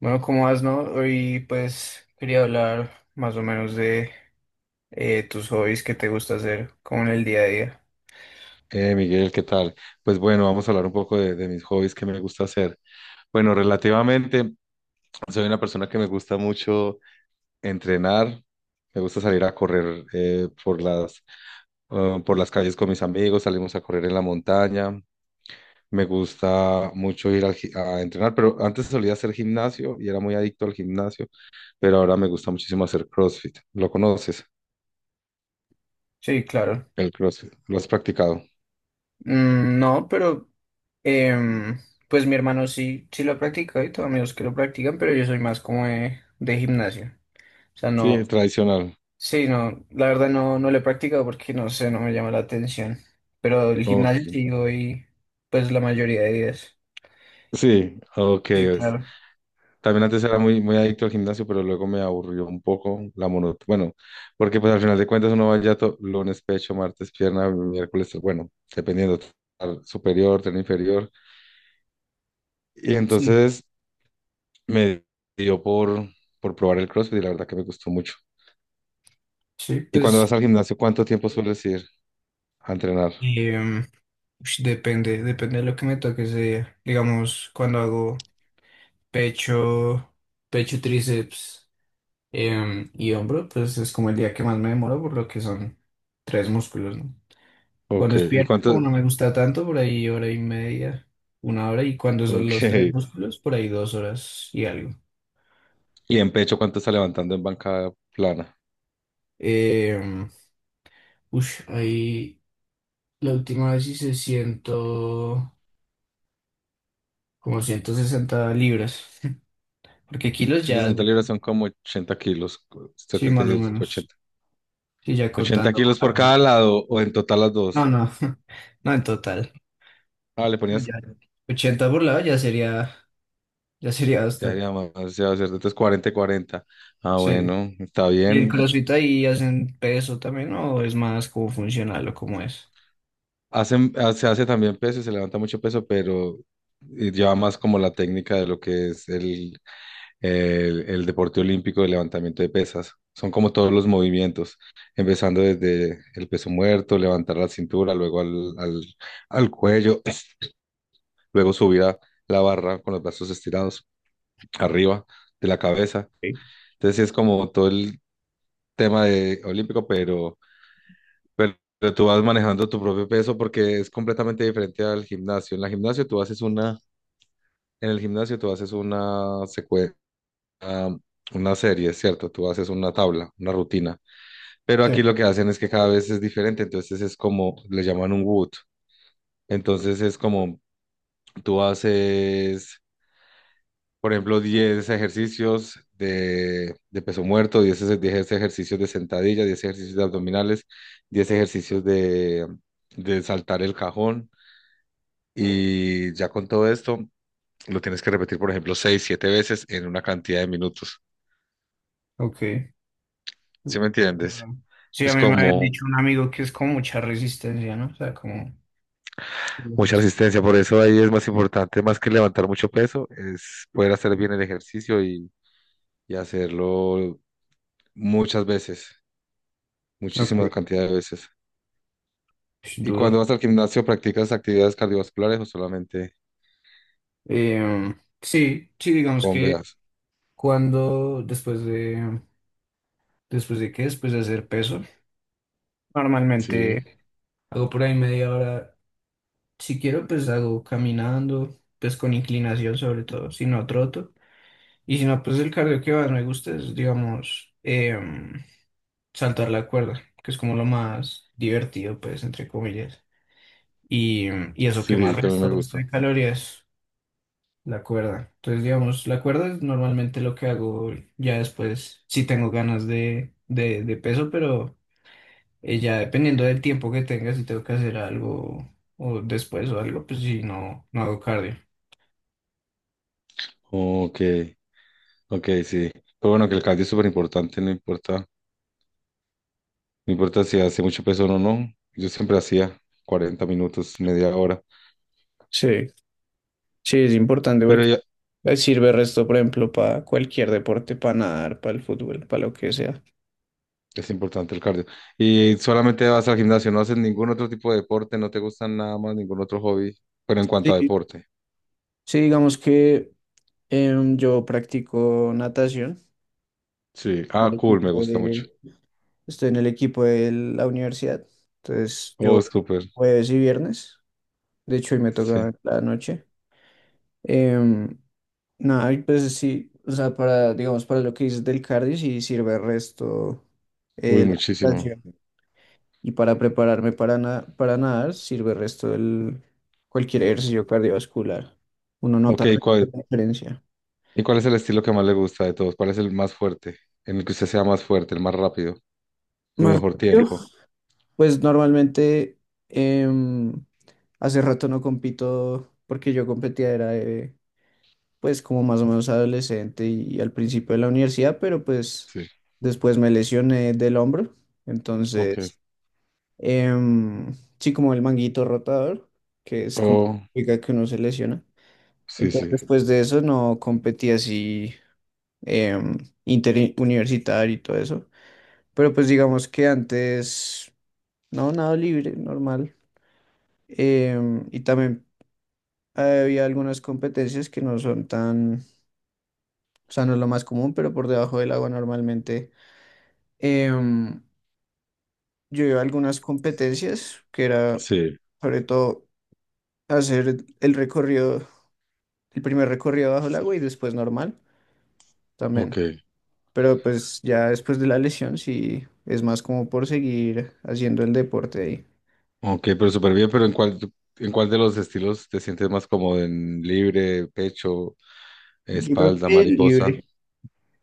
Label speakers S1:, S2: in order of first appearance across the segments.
S1: Bueno, ¿cómo vas? No? Hoy pues quería hablar más o menos de tus hobbies que te gusta hacer como en el día a día.
S2: Miguel, ¿qué tal? Pues bueno, vamos a hablar un poco de mis hobbies que me gusta hacer. Bueno, relativamente, soy una persona que me gusta mucho entrenar, me gusta salir a correr por las calles con mis amigos, salimos a correr en la montaña. Me gusta mucho ir a entrenar, pero antes solía hacer gimnasio y era muy adicto al gimnasio, pero ahora me gusta muchísimo hacer CrossFit. ¿Lo conoces?
S1: Sí, claro.
S2: El CrossFit, ¿lo has practicado?
S1: Mm, no, pero em, pues mi hermano sí, sí lo practica y tengo amigos que lo practican, pero yo soy más como de gimnasio. O sea,
S2: Sí,
S1: no,
S2: tradicional.
S1: sí, no, la verdad no, no lo he practicado porque no sé, no me llama la atención. Pero el
S2: Ok.
S1: gimnasio sí voy pues la mayoría de días.
S2: Sí, ok.
S1: Sí, claro.
S2: También antes era muy, muy adicto al gimnasio, pero luego me aburrió un poco la monotonía. Bueno, porque pues al final de cuentas uno va ya lunes pecho, martes pierna, miércoles, bueno, dependiendo, tren superior, tren inferior. Y
S1: Sí,
S2: entonces me dio por probar el CrossFit y la verdad que me gustó mucho.
S1: sí,
S2: ¿Y cuando
S1: pues...
S2: vas al gimnasio, cuánto tiempo sueles ir a entrenar?
S1: em, ush, depende, depende de lo que me toque ese día. Digamos, cuando hago pecho, pecho, tríceps y hombro, pues es como el día que más me demoro por lo que son tres músculos, ¿no? Cuando
S2: Ok,
S1: es
S2: ¿y
S1: pierna, como
S2: cuánto?
S1: no me gusta tanto, por ahí hora y media, una hora, y cuando son los tres
S2: Ok.
S1: músculos, por ahí dos horas y algo.
S2: ¿Y en pecho cuánto está levantando en banca plana?
S1: Em, ahí la última vez hice ciento, como 160 libras, porque kilos ya,
S2: 160 libras son como 80 kilos,
S1: sí, más o
S2: 78.
S1: menos. Sí, ya
S2: ¿80
S1: contando.
S2: kilos por cada lado o en total las
S1: No,
S2: dos?
S1: no, no en total.
S2: Ah, le
S1: No,
S2: ponías,
S1: ya 80 por ya sería
S2: ya
S1: bastante.
S2: sería más, ya va a ser, entonces 40 y 40. Ah,
S1: Sí.
S2: bueno, está
S1: ¿Y el
S2: bien.
S1: CrossFit ahí hacen peso también, no? ¿O es más como funcional o cómo es?
S2: Hacen, ah, se hace también peso, se levanta mucho peso, pero lleva más como la técnica de lo que es el deporte olímpico de levantamiento de pesas. Son como todos los movimientos, empezando desde el peso muerto, levantar la cintura, luego al cuello, luego subir a la barra con los brazos estirados arriba de la cabeza.
S1: Sí.
S2: Entonces sí es como todo el tema de olímpico, pero tú vas manejando tu propio peso porque es completamente diferente al gimnasio. En el gimnasio tú haces una secuencia, una serie, ¿cierto? Tú haces una tabla, una rutina. Pero
S1: Sí.
S2: aquí lo que hacen es que cada vez es diferente, entonces es como, le llaman un wood. Entonces es como tú haces. Por ejemplo, 10 ejercicios de peso muerto, 10 ejercicios de sentadilla, 10 ejercicios de abdominales, 10 ejercicios de saltar el cajón. Y ya con todo esto, lo tienes que repetir, por ejemplo, 6 7 veces en una cantidad de minutos.
S1: Ok.
S2: ¿Sí me entiendes?
S1: Ah, sí, a
S2: Es
S1: mí me habían
S2: como
S1: dicho un amigo que es con mucha resistencia, ¿no? O sea, como...
S2: mucha resistencia. Por eso ahí es más importante, más que levantar mucho peso, es poder hacer bien el ejercicio y hacerlo muchas veces,
S1: Ok.
S2: muchísima cantidad de veces.
S1: Es
S2: ¿Y
S1: duro.
S2: cuando vas al gimnasio, practicas actividades cardiovasculares o solamente
S1: Eh, sí, sí, digamos que
S2: bombeas?
S1: cuando, después de, después de qué, después de hacer peso,
S2: Sí,
S1: normalmente... Hago por ahí media hora. Si quiero, pues hago caminando, pues con inclinación sobre todo, si no troto. Y si no, pues el cardio que más me gusta es, digamos, saltar la cuerda, que es como lo más divertido, pues, entre comillas. Y, y eso que más
S2: sí, también me
S1: resto de
S2: gusta.
S1: calorías, la cuerda. Entonces, digamos, la cuerda es normalmente lo que hago ya después, si tengo ganas de peso, pero... ya dependiendo del tiempo que tenga, si tengo que hacer algo o después o algo, pues si no, no hago cardio.
S2: Ok, ok, sí. Pero bueno, que el cardio es súper importante, no importa, no importa si hace mucho peso o no. No. Yo siempre hacía 40 minutos, media hora,
S1: Sí, sí, es importante
S2: pero
S1: porque
S2: ya
S1: sirve el resto, por ejemplo, para cualquier deporte, para nadar, para el fútbol, para lo que sea.
S2: es importante el cardio. ¿Y solamente vas al gimnasio, no haces ningún otro tipo de deporte, no te gustan nada más, ningún otro hobby, pero en cuanto a
S1: Sí,
S2: deporte?
S1: sí, digamos que yo practico natación.
S2: Sí,
S1: En
S2: ah,
S1: el
S2: cool, me
S1: equipo
S2: gusta mucho.
S1: de- Estoy en el equipo de la universidad. Entonces,
S2: Oh,
S1: yo
S2: súper,
S1: jueves y viernes. De hecho, hoy me
S2: sí.
S1: toca la noche. em, No, y pues sí, o sea, para, digamos, para lo que dices del cardio, sí sirve el resto
S2: Uy,
S1: la
S2: muchísimo.
S1: natación. Y para prepararme para nadar, sirve el resto el, cualquier ejercicio cardiovascular. Uno nota
S2: Ok,
S1: la
S2: ¿cuál?
S1: diferencia.
S2: ¿Y cuál es el estilo que más le gusta de todos? ¿Cuál es el más fuerte? En el que usted sea más fuerte, el más rápido, el
S1: Más
S2: mejor
S1: rápido,
S2: tiempo.
S1: pues normalmente em, hace rato no compito porque yo competía, era pues como más o menos adolescente y al principio de la universidad, pero pues
S2: Sí,
S1: después me lesioné del hombro,
S2: ok.
S1: entonces em, sí, como el manguito rotador, que es como
S2: Oh,
S1: la liga que uno se lesiona.
S2: sí,
S1: Entonces,
S2: sí,
S1: después de eso no competí así em, interuniversitario y todo eso. Pero pues digamos que antes, no, nada libre, normal. Em, y también había algunas competencias que no son tan, o sea, no es lo más común, pero por debajo del agua normalmente. em, yo iba a algunas competencias que era
S2: sí,
S1: sobre todo hacer el recorrido el primer recorrido bajo el agua y después normal
S2: ok.
S1: también. Pero pues ya después de la lesión sí es más como por seguir haciendo el deporte ahí.
S2: Ok, pero súper bien, pero en cuál de los estilos te sientes más cómodo? ¿En libre, pecho,
S1: Yo creo
S2: espalda,
S1: que
S2: mariposa?
S1: libre.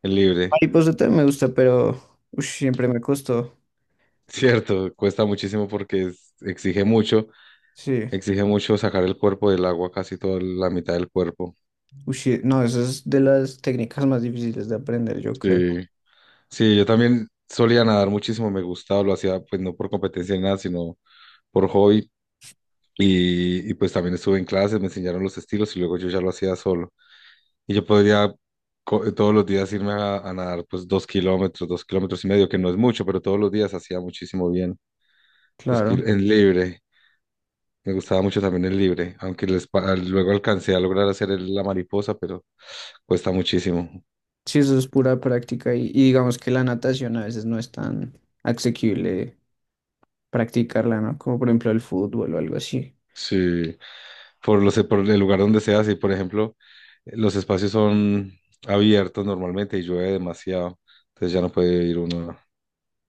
S2: En libre.
S1: Mariposa también me gusta, pero ush, siempre me costó.
S2: Cierto, cuesta muchísimo porque
S1: Sí.
S2: exige mucho sacar el cuerpo del agua, casi toda la mitad del cuerpo.
S1: Ush, no, eso es de las técnicas más difíciles de aprender, yo creo.
S2: Sí, sí, yo también solía nadar muchísimo, me gustaba, lo hacía pues no por competencia ni nada, sino por hobby. Pues también estuve en clases, me enseñaron los estilos y luego yo ya lo hacía solo. Y yo podría todos los días irme a nadar pues 2 kilómetros, 2 kilómetros y medio, que no es mucho, pero todos los días hacía muchísimo bien.
S1: Claro.
S2: En libre, me gustaba mucho también el libre, aunque luego alcancé a lograr hacer la mariposa, pero cuesta muchísimo.
S1: Sí, eso es pura práctica y digamos que la natación a veces no es tan asequible practicarla, ¿no? Como por ejemplo el fútbol o algo así.
S2: Sí. Por el lugar donde se hace. Por ejemplo, los espacios son abiertos normalmente y llueve demasiado, entonces ya no puede ir uno.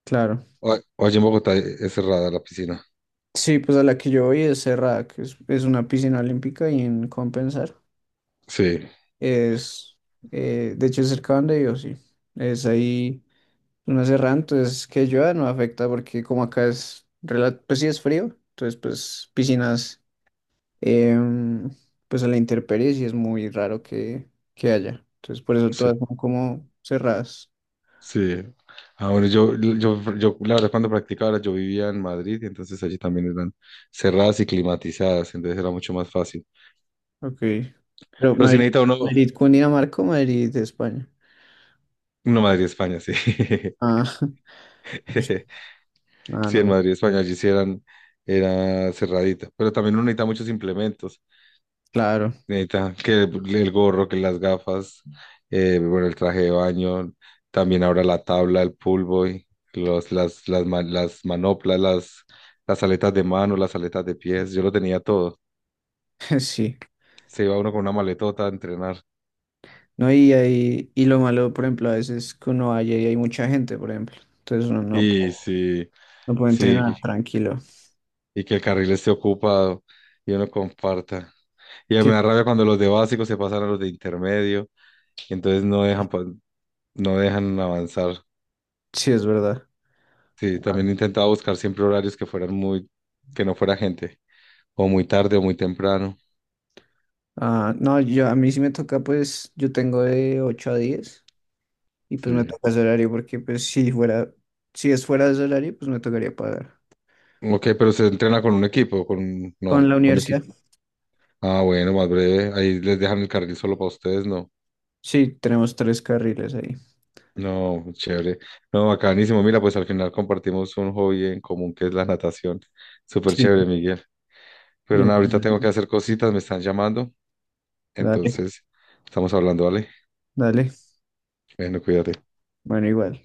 S1: Claro.
S2: O, o allí en Bogotá es cerrada la piscina.
S1: Sí, pues a la que yo voy es cerrada, que es una piscina olímpica y en Compensar.
S2: Sí,
S1: Es, de hecho, es cerca donde yo, sí. Es ahí una Serra, entonces que llueva no afecta porque como acá es, rela- pues sí es frío, entonces pues em, pues a la intemperie sí es muy raro que haya. Entonces por eso
S2: sí,
S1: todas son como cerradas.
S2: sí. Ah, bueno, la verdad, cuando practicaba, ahora yo vivía en Madrid y entonces allí también eran cerradas y climatizadas, entonces era mucho más fácil.
S1: Ok. Pero
S2: Pero si
S1: Madrid,
S2: necesita uno,
S1: Madrid, Cundinamarca, o Madrid, España.
S2: no, Madrid, España, sí.
S1: Ah, ah,
S2: Sí, en
S1: no,
S2: Madrid, España, allí sí era cerradita. Pero también uno necesita muchos implementos
S1: claro,
S2: neta que el gorro, que las gafas, bueno, el traje de baño, también ahora la tabla, el pool boy, los, las, ma- las manoplas, las aletas de mano, las aletas de pies, yo lo tenía todo.
S1: sí.
S2: Se iba uno con una maletota a entrenar.
S1: No, y, ahí- y lo malo, por ejemplo, a veces que uno vaya y hay mucha gente, por ejemplo. Entonces uno no,
S2: Y sí,
S1: no puede
S2: sí,
S1: entrenar tranquilo.
S2: y que el carril esté ocupado y uno comparta. Y
S1: Sí,
S2: me da rabia cuando los de básico se pasan a los de intermedio, y entonces no
S1: sí.
S2: dejan, no dejan avanzar.
S1: Sí, es verdad.
S2: Sí, también intentaba buscar siempre horarios que no fuera gente, o muy tarde o muy temprano.
S1: Ah, no, yo a mí sí me toca, pues, yo tengo de 8 a 10 y pues me
S2: Sí.
S1: toca ese horario porque si es fuera de ese horario, pues me tocaría pagar.
S2: Ok, pero se entrena con un equipo, con,
S1: Con
S2: no,
S1: la
S2: con equipo.
S1: universidad,
S2: Ah, bueno, más breve, ahí les dejan el carril solo para ustedes, ¿no?
S1: sí, tenemos tres carriles ahí.
S2: No, chévere. No, bacanísimo. Mira, pues al final compartimos un hobby en común que es la natación. Súper
S1: Sí.
S2: chévere, Miguel. Pero
S1: Y en-
S2: nada, ahorita tengo que hacer cositas, me están llamando.
S1: dale,
S2: Entonces, estamos hablando, ¿vale?
S1: dale.
S2: Bueno, cuídate.
S1: Bueno, igual.